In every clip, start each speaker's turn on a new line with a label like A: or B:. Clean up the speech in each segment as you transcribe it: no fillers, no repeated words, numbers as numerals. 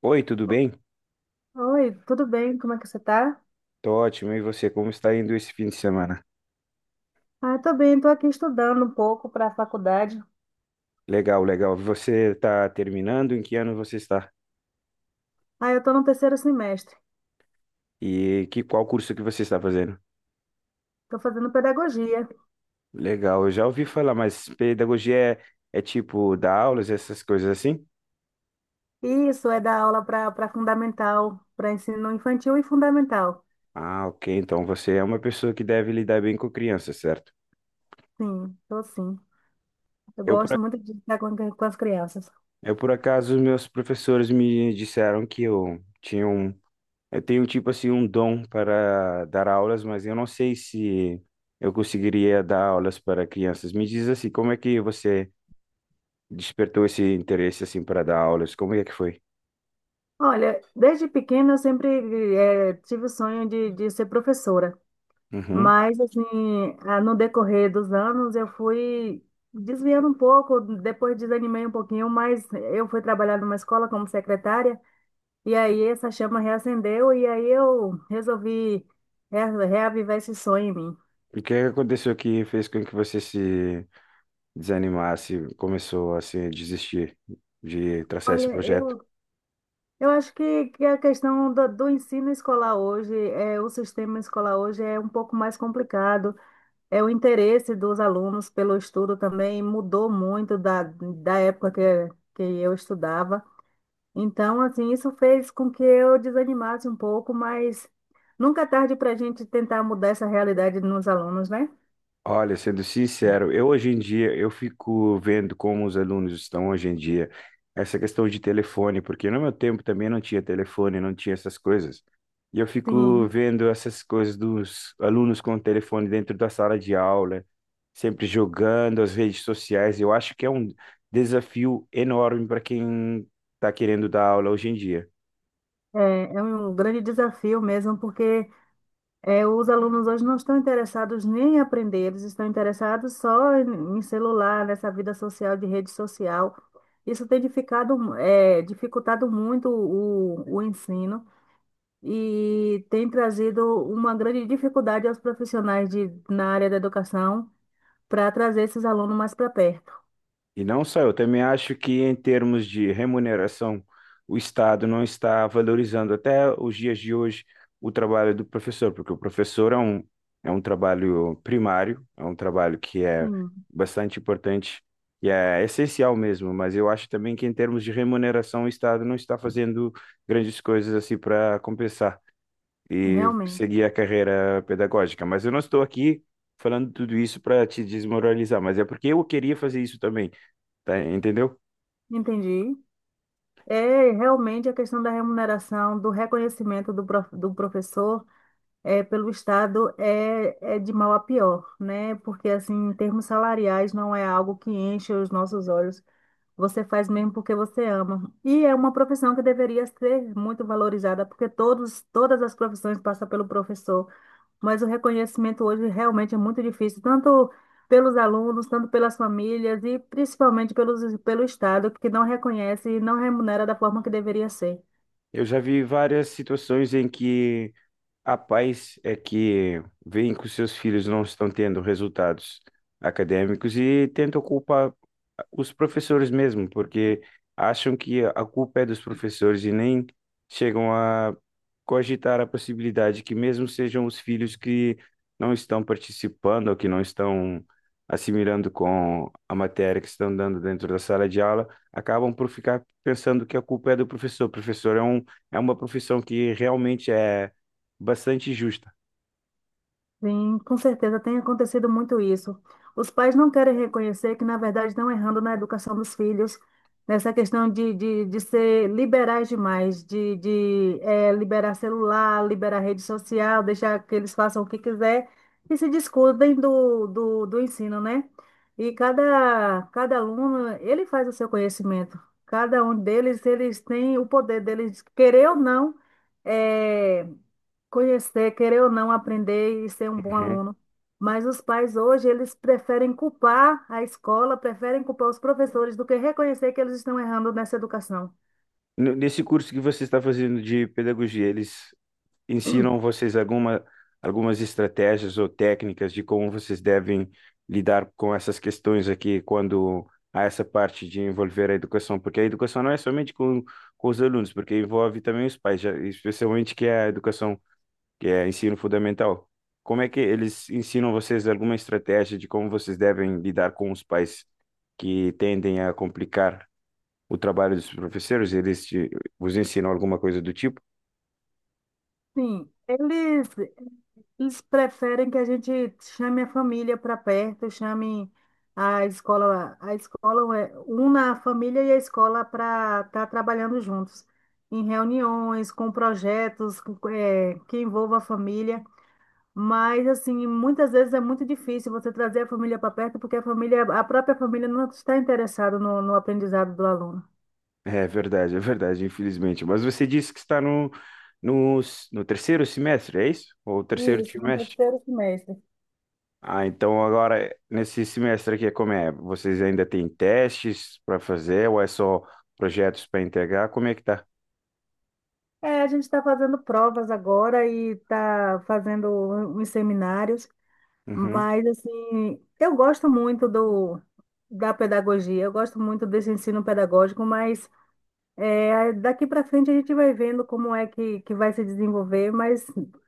A: Oi, tudo bem?
B: Oi, tudo bem? Como é que você tá?
A: Tô ótimo. E você, como está indo esse fim de semana?
B: Ah, tô bem, tô aqui estudando um pouco para a faculdade.
A: Legal, legal. Você está terminando? Em que ano você está?
B: Ah, eu tô no terceiro semestre.
A: E que qual curso que você está fazendo?
B: Tô fazendo pedagogia.
A: Legal, eu já ouvi falar, mas pedagogia é tipo dar aulas, essas coisas assim?
B: Isso é dar aula para fundamental, para ensino infantil e fundamental.
A: Ah, ok. Então você é uma pessoa que deve lidar bem com crianças, certo?
B: Sim, tô sim. Eu
A: Eu por,
B: gosto
A: ac-
B: muito de estar com as crianças.
A: eu por acaso, meus professores me disseram que eu tinha um eu tenho, tipo assim, um dom para dar aulas, mas eu não sei se eu conseguiria dar aulas para crianças. Me diz assim, como é que você despertou esse interesse, assim, para dar aulas? Como é que foi?
B: Olha, desde pequena eu sempre tive o sonho de ser professora.
A: Uhum.
B: Mas, assim, ah, no decorrer dos anos, eu fui desviando um pouco, depois desanimei um pouquinho, mas eu fui trabalhar numa escola como secretária, e aí essa chama reacendeu, e aí eu resolvi reavivar esse sonho em mim.
A: E o que aconteceu que fez com que você se desanimasse, começou, assim, a desistir de traçar esse
B: Olha,
A: projeto?
B: eu acho que a questão do ensino escolar hoje, é, o sistema escolar hoje é um pouco mais complicado, é o interesse dos alunos pelo estudo também mudou muito da época que eu estudava. Então, assim, isso fez com que eu desanimasse um pouco, mas nunca é tarde para a gente tentar mudar essa realidade nos alunos, né?
A: Olha, sendo sincero, eu hoje em dia eu fico vendo como os alunos estão hoje em dia, essa questão de telefone, porque no meu tempo também não tinha telefone, não tinha essas coisas. E eu fico
B: Sim,
A: vendo essas coisas dos alunos com o telefone dentro da sala de aula, sempre jogando as redes sociais. Eu acho que é um desafio enorme para quem está querendo dar aula hoje em dia.
B: é, é um grande desafio mesmo, porque é, os alunos hoje não estão interessados nem em aprender, eles estão interessados só em celular, nessa vida social, de rede social. Isso tem dificado, é, dificultado muito o ensino e tem trazido uma grande dificuldade aos profissionais de, na área da educação para trazer esses alunos mais para perto.
A: E não só, eu também acho que em termos de remuneração, o Estado não está valorizando até os dias de hoje o trabalho do professor, porque o professor é um trabalho primário, é um trabalho que é
B: Sim,
A: bastante importante e é essencial mesmo, mas eu acho também que em termos de remuneração o Estado não está fazendo grandes coisas assim para compensar e
B: realmente.
A: seguir a carreira pedagógica. Mas eu não estou aqui falando tudo isso para te desmoralizar, mas é porque eu queria fazer isso também, tá? Entendeu?
B: Entendi. É realmente a questão da remuneração, do reconhecimento do professor é, pelo Estado é, é de mal a pior, né? Porque, assim, em termos salariais, não é algo que enche os nossos olhos. Você faz mesmo porque você ama. E é uma profissão que deveria ser muito valorizada, porque todos, todas as profissões passam pelo professor. Mas o reconhecimento hoje realmente é muito difícil, tanto pelos alunos, tanto pelas famílias e principalmente pelo Estado, que não reconhece e não remunera da forma que deveria ser.
A: Eu já vi várias situações em que a pais é que veem que os seus filhos não estão tendo resultados acadêmicos e tentam culpar os professores mesmo, porque acham que a culpa é dos professores e nem chegam a cogitar a possibilidade que mesmo sejam os filhos que não estão participando ou que não estão assimilando com a matéria que estão dando dentro da sala de aula, acabam por ficar pensando que a culpa é do professor. O professor é um, é uma profissão que realmente é bastante justa.
B: Sim, com certeza tem acontecido muito isso. Os pais não querem reconhecer que, na verdade, estão errando na educação dos filhos, nessa questão de ser liberais demais, de liberar celular, liberar rede social, deixar que eles façam o que quiser e se descuidem do ensino, né? E cada aluno, ele faz o seu conhecimento. Cada um deles, eles têm o poder deles, querer ou não, eh, conhecer, querer ou não aprender e ser um bom
A: Uhum.
B: aluno. Mas os pais hoje, eles preferem culpar a escola, preferem culpar os professores do que reconhecer que eles estão errando nessa educação.
A: Nesse curso que você está fazendo de pedagogia, eles ensinam vocês alguma, algumas estratégias ou técnicas de como vocês devem lidar com essas questões aqui quando há essa parte de envolver a educação, porque a educação não é somente com os alunos, porque envolve também os pais, já- especialmente que é a educação, que é ensino fundamental. Como é que eles ensinam vocês alguma estratégia de como vocês devem lidar com os pais que tendem a complicar o trabalho dos professores? Eles te, vos ensinam alguma coisa do tipo?
B: Sim, eles preferem que a gente chame a família para perto, chame a escola é- una a família e a escola para estar trabalhando juntos, em reuniões, com projetos, que envolva a família. Mas, assim, muitas vezes é muito difícil você trazer a família para perto, porque a família, a própria família não está interessada no aprendizado do aluno.
A: É verdade, infelizmente. Mas você disse que está no, no, no terceiro semestre, é isso? Ou terceiro
B: Isso, no
A: trimestre?
B: terceiro semestre.
A: Ah, então agora, nesse semestre aqui, como é? Vocês ainda têm testes para fazer ou é só projetos para integrar? Como é que tá?
B: É, a gente está fazendo provas agora e está fazendo uns seminários,
A: Uhum.
B: mas, assim, eu gosto muito da pedagogia, eu gosto muito desse ensino pedagógico, mas é, daqui para frente a gente vai vendo como é que vai se desenvolver, mas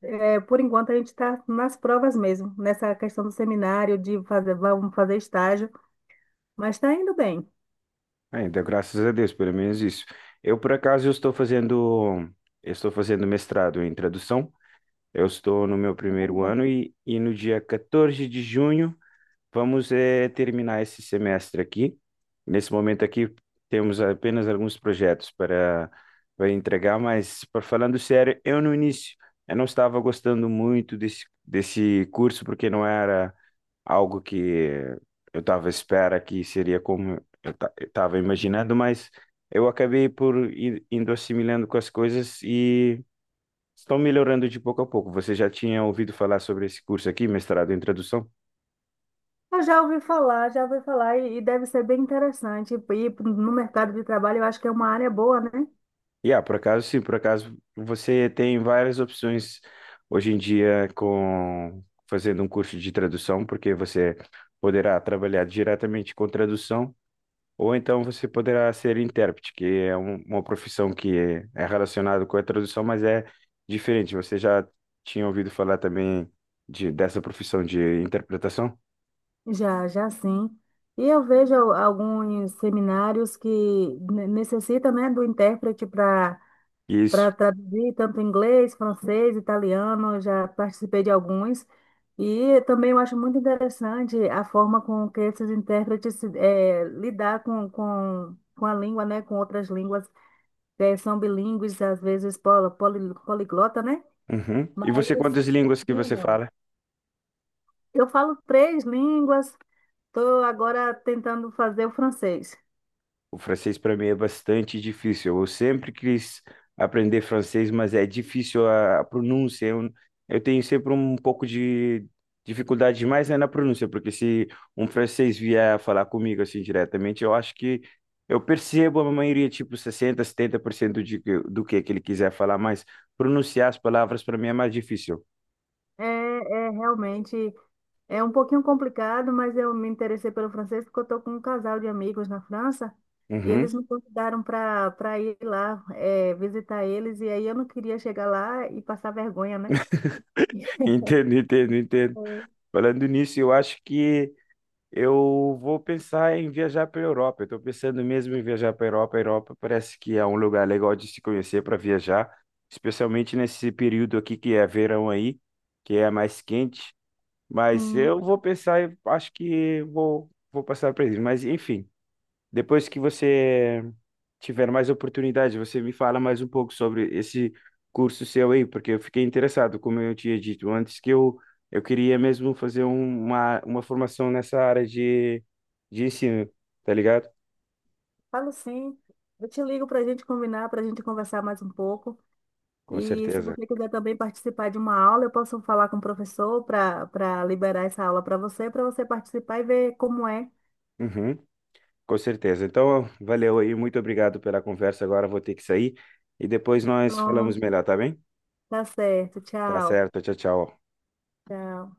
B: é, por enquanto a gente está nas provas mesmo, nessa questão do seminário, de fazer, vamos fazer estágio, mas está indo bem.
A: Ainda, graças a Deus, pelo menos isso. Eu, por acaso, eu estou fazendo mestrado em tradução. Eu estou no meu primeiro ano e no dia 14 de junho vamos terminar esse semestre aqui. Nesse momento aqui, temos apenas alguns projetos para, para entregar, mas, para falando sério, eu no início eu não estava gostando muito desse, desse curso, porque não era algo que eu estava à espera que seria como eu estava imaginando, mas eu acabei por ir, indo assimilando com as coisas e estão melhorando de pouco a pouco. Você já tinha ouvido falar sobre esse curso aqui, mestrado em tradução?
B: Eu já ouvi falar, e deve ser bem interessante. E no mercado de trabalho eu acho que é uma área boa, né?
A: E ah, por acaso, sim, por acaso você tem várias opções hoje em dia com fazendo um curso de tradução, porque você poderá trabalhar diretamente com tradução, ou então você poderá ser intérprete, que uma profissão que é relacionada com a tradução, mas é diferente. Você já tinha ouvido falar também de, dessa profissão de interpretação?
B: Já, já sim. E eu vejo alguns seminários que necessitam, né, do intérprete para
A: Isso.
B: para traduzir tanto inglês, francês, italiano, eu já participei de alguns. E também eu acho muito interessante a forma com que esses intérpretes lidar com a língua, né, com outras línguas, são bilíngues, às vezes poliglota, né?
A: Uhum. E você,
B: Mas
A: quantas línguas que você
B: não.
A: fala?
B: Eu falo três línguas, estou agora tentando fazer o francês.
A: O francês para mim é bastante difícil. Eu sempre quis aprender francês, mas é difícil a pronúncia. Eu tenho sempre um pouco de dificuldade mais é na pronúncia, porque se um francês vier falar comigo assim diretamente, eu acho que eu percebo a maioria, tipo 60 a 70% de, que- do que ele quiser falar, mas pronunciar as palavras para mim é mais difícil.
B: É, é realmente é um pouquinho complicado, mas eu me interessei pelo francês porque eu estou com um casal de amigos na França e
A: Uhum.
B: eles me convidaram para ir lá é, visitar eles e aí eu não queria chegar lá e passar vergonha, né?
A: Entendo, entendo, entendo.
B: É,
A: Falando nisso, eu acho que eu vou pensar em viajar para a Europa. Eu estou pensando mesmo em viajar para a Europa. A Europa parece que é um lugar legal de se conhecer para viajar, especialmente nesse período aqui que é verão aí, que é mais quente. Mas
B: sim,
A: eu vou pensar, e acho que vou passar para eles. Mas enfim. Depois que você tiver mais oportunidade, você me fala mais um pouco sobre esse curso seu aí, porque eu fiquei interessado, como eu tinha dito antes, que eu queria mesmo fazer uma formação nessa área de ensino, tá ligado?
B: falo sim. Eu te ligo para a gente combinar, para a gente conversar mais um pouco.
A: Com
B: E se
A: certeza.
B: você quiser também participar de uma aula, eu posso falar com o professor para liberar essa aula para você participar e ver como é.
A: Uhum, com certeza. Então, valeu aí, muito obrigado pela conversa. Agora vou ter que sair e depois nós falamos
B: Pronto,
A: melhor, tá bem?
B: tá certo.
A: Tá
B: Tchau.
A: certo, tchau, tchau.
B: Tchau.